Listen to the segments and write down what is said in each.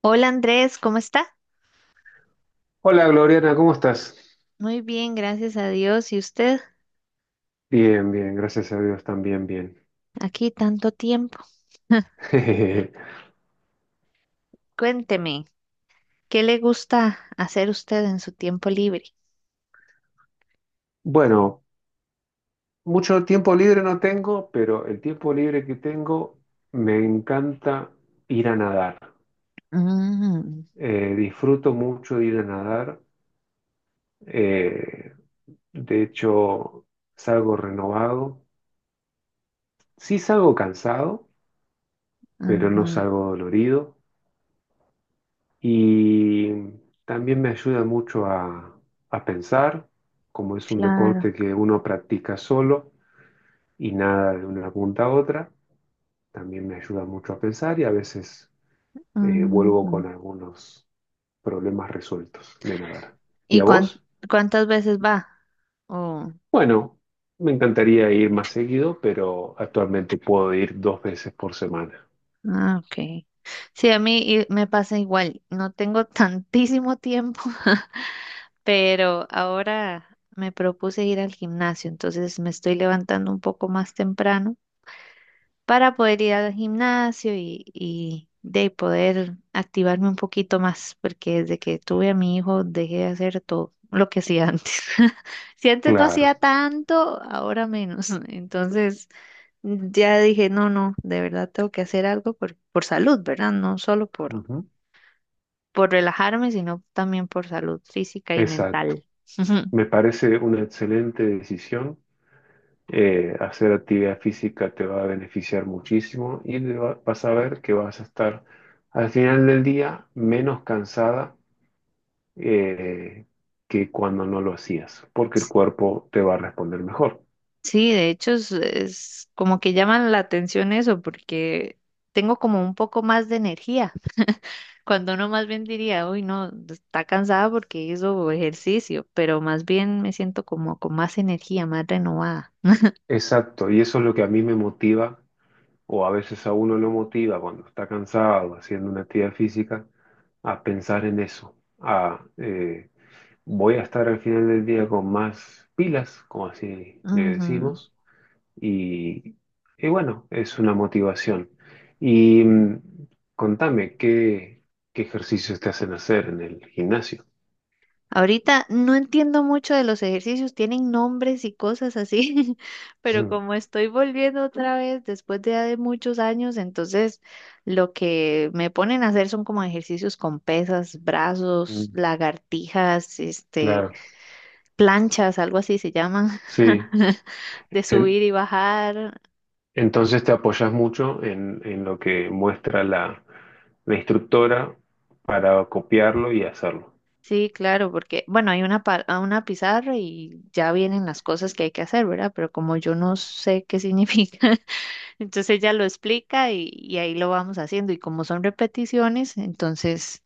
Hola Andrés, ¿cómo está? Hola Gloriana, ¿cómo estás? Muy bien, gracias a Dios. ¿Y usted? Bien, bien, gracias a Dios también bien. Aquí tanto tiempo. Cuénteme, ¿qué le gusta hacer usted en su tiempo libre? Bueno, mucho tiempo libre no tengo, pero el tiempo libre que tengo me encanta ir a nadar. Mm, Disfruto mucho de ir a nadar. eh, de hecho, salgo renovado. Sí salgo cansado, pero no ajá, salgo dolorido. Y también me ayuda a pensar, como es un claro. deporte que uno practica solo. Y nada de una punta a otra. También me ayuda mucho a pensar y a veces vuelvo Ujú. con algunos problemas resueltos de nadar. ¿Y ¿Y a cuán- vos? Cuántas veces va? Oh, Bueno, me encantaría ir más seguido, pero actualmente puedo ir dos veces por semana. ah, ok. Sí, a mí me pasa igual. No tengo tantísimo tiempo, pero ahora me propuse ir al gimnasio, entonces me estoy levantando un poco más temprano para poder ir al gimnasio y de poder activarme un poquito más, porque desde que tuve a mi hijo dejé de hacer todo lo que hacía antes. Si antes no Claro, hacía tanto, ahora menos. Entonces ya dije, no, no, de verdad tengo que hacer algo por salud, ¿verdad? No solo ujú, por relajarme, sino también por salud física y exacto. mental. Me parece una excelente decisión. Hacer actividad física te va a beneficiar muchísimo y vas a ver que vas a estar al final del día menos cansada eh, que cuando no lo hacías, porque el cuerpo te va a responder mejor. Sí, de hecho es como que llaman la atención eso, porque tengo como un poco más de energía. Cuando uno más bien diría, uy, no, está cansada porque hizo ejercicio, pero más bien me siento como con más energía, más renovada. Exacto, y eso es lo que a mí me motiva, o a veces a uno lo motiva cuando está cansado haciendo una actividad física, a pensar en eso, a voy a estar al final del día con más pilas, como así le Ujú. decimos, y, y bueno, es una motivación. Y contame, ¿qué ejercicios te hacen hacer en el gimnasio? Ahorita no entiendo mucho de los ejercicios, tienen nombres y cosas así, pero Mm, como estoy volviendo otra vez después de muchos años, entonces lo que me ponen a hacer son como ejercicios con pesas, brazos, mm. lagartijas, este, Claro, planchas, algo así se llaman, sí. de En- subir y bajar. entonces te apoyas mucho en lo que muestra la instructora para copiarlo y hacerlo. Sí, claro, porque, bueno, hay una, a una pizarra y ya vienen las cosas que hay que hacer, ¿verdad? Pero como yo no sé qué significa, entonces ella lo explica y ahí lo vamos haciendo. Y como son repeticiones, entonces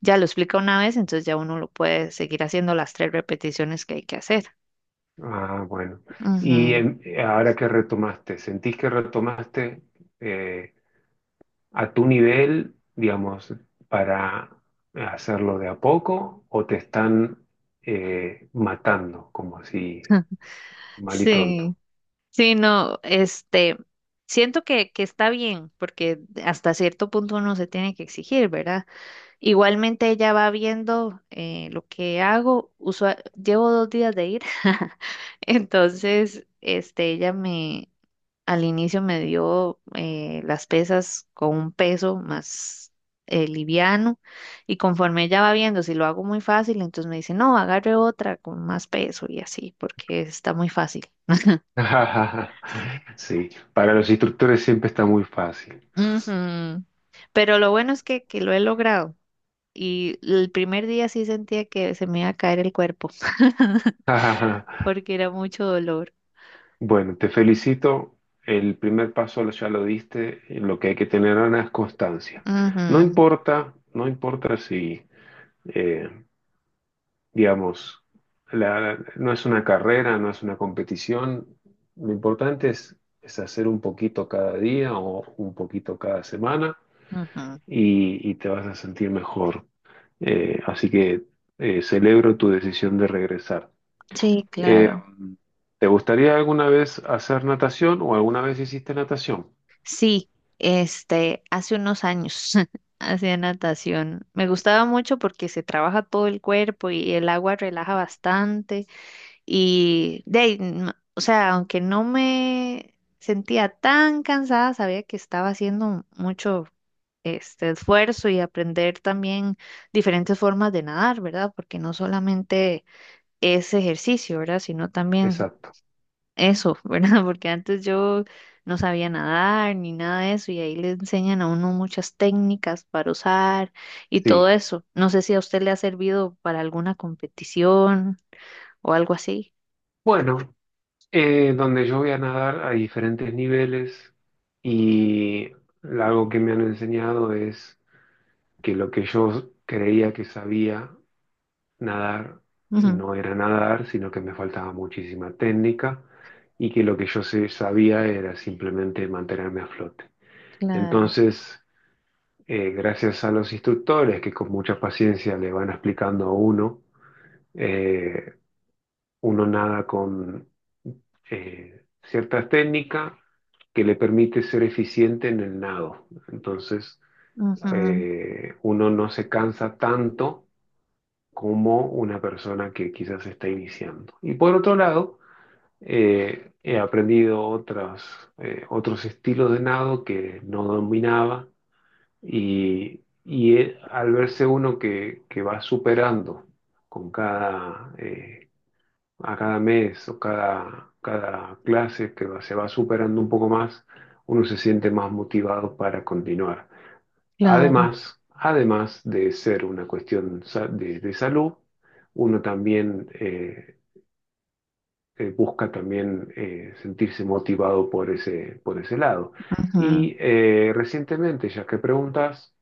ya lo explica una vez, entonces ya uno lo puede seguir haciendo las tres repeticiones que hay que hacer. Ah, bueno. Ujú. Ahora que retomaste, ¿sentís que retomaste eh, a tu nivel, digamos, para hacerlo de a poco o te están matando, como así, mal y Sí, pronto? sí, no, este, siento que está bien, porque hasta cierto punto uno se tiene que exigir, ¿verdad? Igualmente ella va viendo lo que hago. Llevo dos días de ir. Entonces, este, ella me, al inicio me dio las pesas con un peso más liviano. Y conforme ella va viendo, si lo hago muy fácil, entonces me dice, no, agarre otra con más peso y así, porque está muy fácil. Sí, para los instructores siempre está muy fácil. Ujú. Pero lo bueno es que lo he logrado. Y el primer día sí sentía que se me iba a caer el cuerpo, porque era mucho dolor. Bueno, te felicito. El primer paso lo- Ya lo diste. Lo que hay que tener, Ana, es constancia. No Ujú, importa, no importa si, eh, digamos, no es una carrera, no es una competición. Lo importante es hacer un poquito cada día o un poquito cada semana ujú. Y te vas a sentir mejor. Así que celebro tu decisión de regresar. Sí, Eh, claro. ¿Te gustaría alguna vez hacer natación o alguna vez hiciste natación? Sí, este, hace unos años hacía natación. Me gustaba mucho porque se trabaja todo el cuerpo y el agua relaja bastante. Y de ahí, o sea, aunque no me sentía tan cansada, sabía que estaba haciendo mucho este esfuerzo y aprender también diferentes formas de nadar, ¿verdad? Porque no solamente es ejercicio, ¿verdad? Sino también Exacto. eso, ¿verdad? Porque antes yo no sabía nadar ni nada de eso y ahí le enseñan a uno muchas técnicas para usar y todo Sí. eso. No sé si a usted le ha servido para alguna competición o algo así. Bueno, donde yo voy a nadar hay diferentes niveles y algo que me han enseñado es que lo que yo creía que sabía nadar Ujú, no era nadar, sino que me faltaba muchísima técnica y que lo que yo sabía era simplemente mantenerme a flote. claro, Entonces, gracias a los instructores que con mucha paciencia le van explicando a uno, eh, uno nada con ciertas técnicas que le permite ser eficiente en el nado. Entonces, ujú, uno no se cansa tanto como una persona que quizás está iniciando. Y por otro lado, he aprendido otros estilos de nado que no dominaba. Y al verse uno que va superando con cada, eh, a cada mes o cada clase que se va superando un poco más, uno se siente más motivado para continuar. claro, Además de ser una cuestión de salud, uno también busca también sentirse motivado por por ese lado. ujú, Y recientemente, ya que preguntas,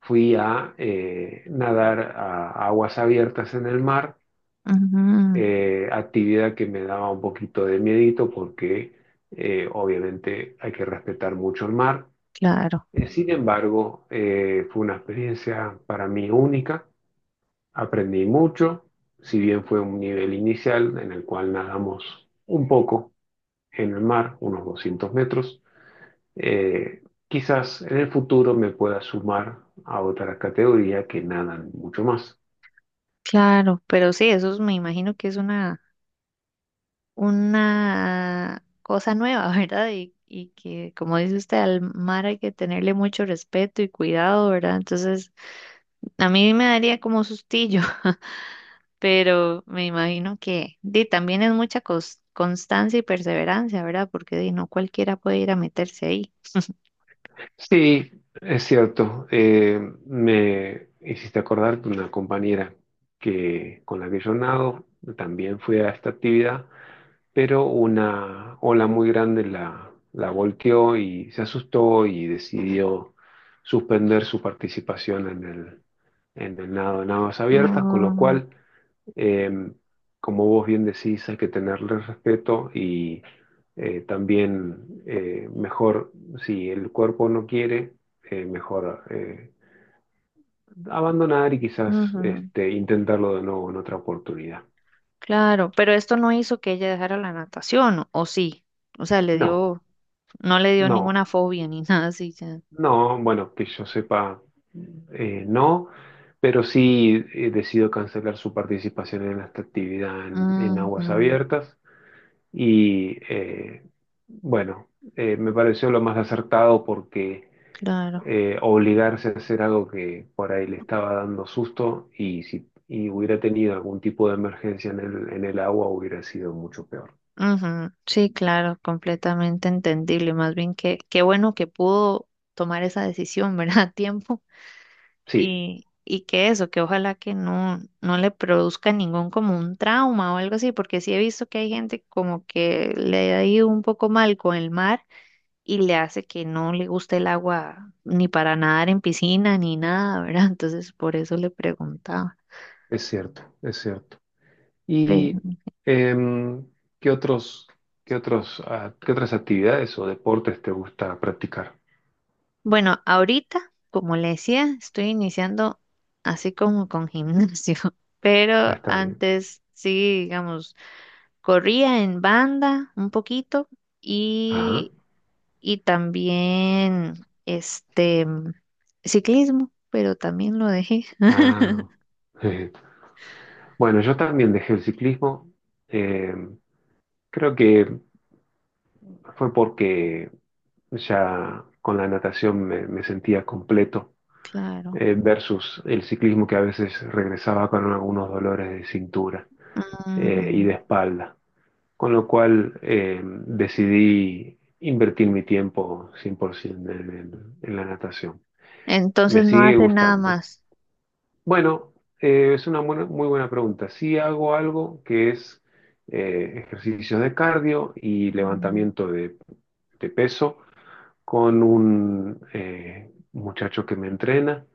fui a nadar a aguas abiertas en el mar, ujú, actividad que me daba un poquito de miedito porque obviamente hay que respetar mucho el mar. claro, Sin embargo, fue una experiencia para mí única, aprendí mucho, si bien fue un nivel inicial en el cual nadamos un poco en el mar, unos 200 metros. eh, Quizás en el futuro me pueda sumar a otra categoría que nadan mucho más. claro. Pero sí, eso me imagino que es una cosa nueva, ¿verdad? Y que, como dice usted, al mar hay que tenerle mucho respeto y cuidado, ¿verdad? Entonces... A mí me daría como sustillo, pero me imagino que di, también es mucha constancia y perseverancia, ¿verdad? Porque di, no cualquiera puede ir a meterse ahí. Sí, es cierto. Me hiciste acordar de una compañera que, con la que yo nado, también fue a esta actividad, pero una ola muy grande la volteó y se asustó y decidió suspender su participación en el nado en aguas abiertas, con lo Ah, cual eh, como vos bien decís, hay que tenerle respeto y también, si el cuerpo no quiere, mejor abandonar y quizás ujú. este, intentarlo de nuevo en otra oportunidad. Claro, pero esto no hizo que ella dejara la natación, ¿o sí? O sea, le No, dio, no le dio no, ninguna fobia ni nada así. Ya. no, bueno, que yo sepa, no, pero sí decido cancelar su participación en esta actividad en aguas Ujú. abiertas. Y bueno, me pareció lo más acertado porque Claro. Obligarse a hacer algo que por ahí le estaba dando susto y si y hubiera tenido algún tipo de emergencia en el agua hubiera sido mucho peor. Ujú, sí, claro, completamente entendible. Más bien que qué bueno que pudo tomar esa decisión, ¿verdad? A tiempo. Sí, Y que eso, que ojalá que no, no le produzca ningún como un trauma o algo así, porque sí he visto que hay gente como que le ha ido un poco mal con el mar y le hace que no le guste el agua ni para nadar en piscina ni nada, ¿verdad? Entonces por eso le preguntaba. es cierto, es cierto. Pero, ¿Y em, qué otros, qué otras actividades o deportes te gusta practicar? bueno, ahorita, como le decía, estoy iniciando así como con gimnasio, Ah, pero está bien. antes sí, digamos, corría en banda un poquito. Ajá. Y y también este ciclismo, pero también lo dejé. Ah, bueno, yo también dejé el ciclismo. Eh, Creo que fue porque ya con la natación me sentía completo Claro. Versus el ciclismo que a veces regresaba con algunos dolores de cintura y Ujú. de espalda. Con lo cual decidí invertir mi tiempo 100% en la natación. Me Entonces no sigue hace nada gustando. más. Bueno, muy buena pregunta. Sí hago algo que es ejercicios de cardio y Mm, levantamiento de peso con un muchacho que me entrena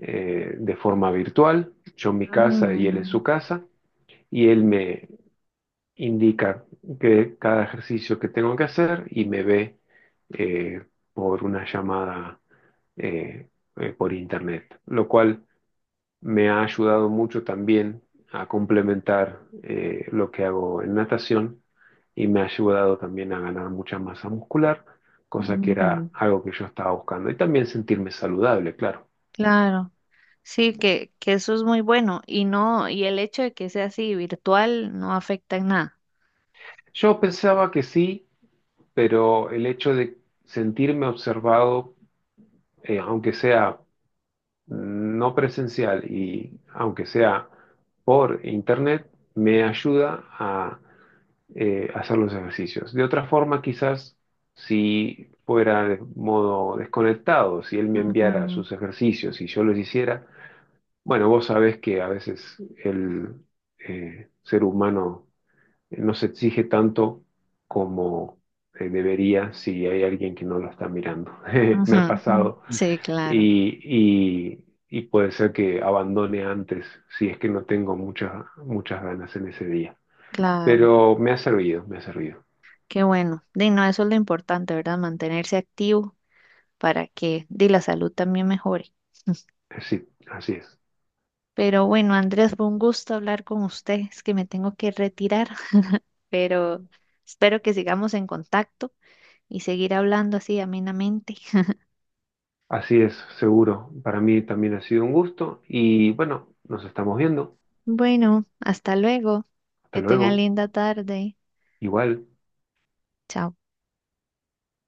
de forma virtual, yo en mi casa y él en mm, su casa, y él me indica que cada ejercicio que tengo que hacer y me ve eh, por una llamada eh, por internet, lo cual me ha ayudado mucho también a complementar lo que hago en natación y me ha ayudado también a ganar mucha masa muscular, cosa que era ujú. algo que yo estaba buscando. Y también sentirme saludable, claro. Claro, sí, que eso es muy bueno y no, y el hecho de que sea así virtual no afecta en nada. Yo pensaba que sí, pero el hecho de sentirme observado, aunque sea no presencial y aunque sea por internet, me ayuda a hacer los ejercicios. De otra forma, quizás si fuera de modo desconectado, si él me enviara Ujú, sus ejercicios y yo los hiciera, bueno, vos sabés que a veces el ser humano no se exige tanto como debería si hay alguien que no lo está mirando. ujú, Me ha ujú. pasado Sí, claro, y puede ser que abandone antes si es que no tengo muchas ganas en ese día. claro, Pero me ha servido, me ha servido. qué bueno. Di, no, eso es lo importante, ¿verdad? Mantenerse activo para que di, la salud también mejore. Sí, así es. Pero bueno, Andrés, fue un gusto hablar con usted. Es que me tengo que retirar, pero espero que sigamos en contacto y seguir hablando así amenamente. Así es, seguro. Para mí también ha sido un gusto y bueno, nos estamos viendo. Bueno, hasta luego. Hasta Que tengan luego. linda tarde. Igual. Chao.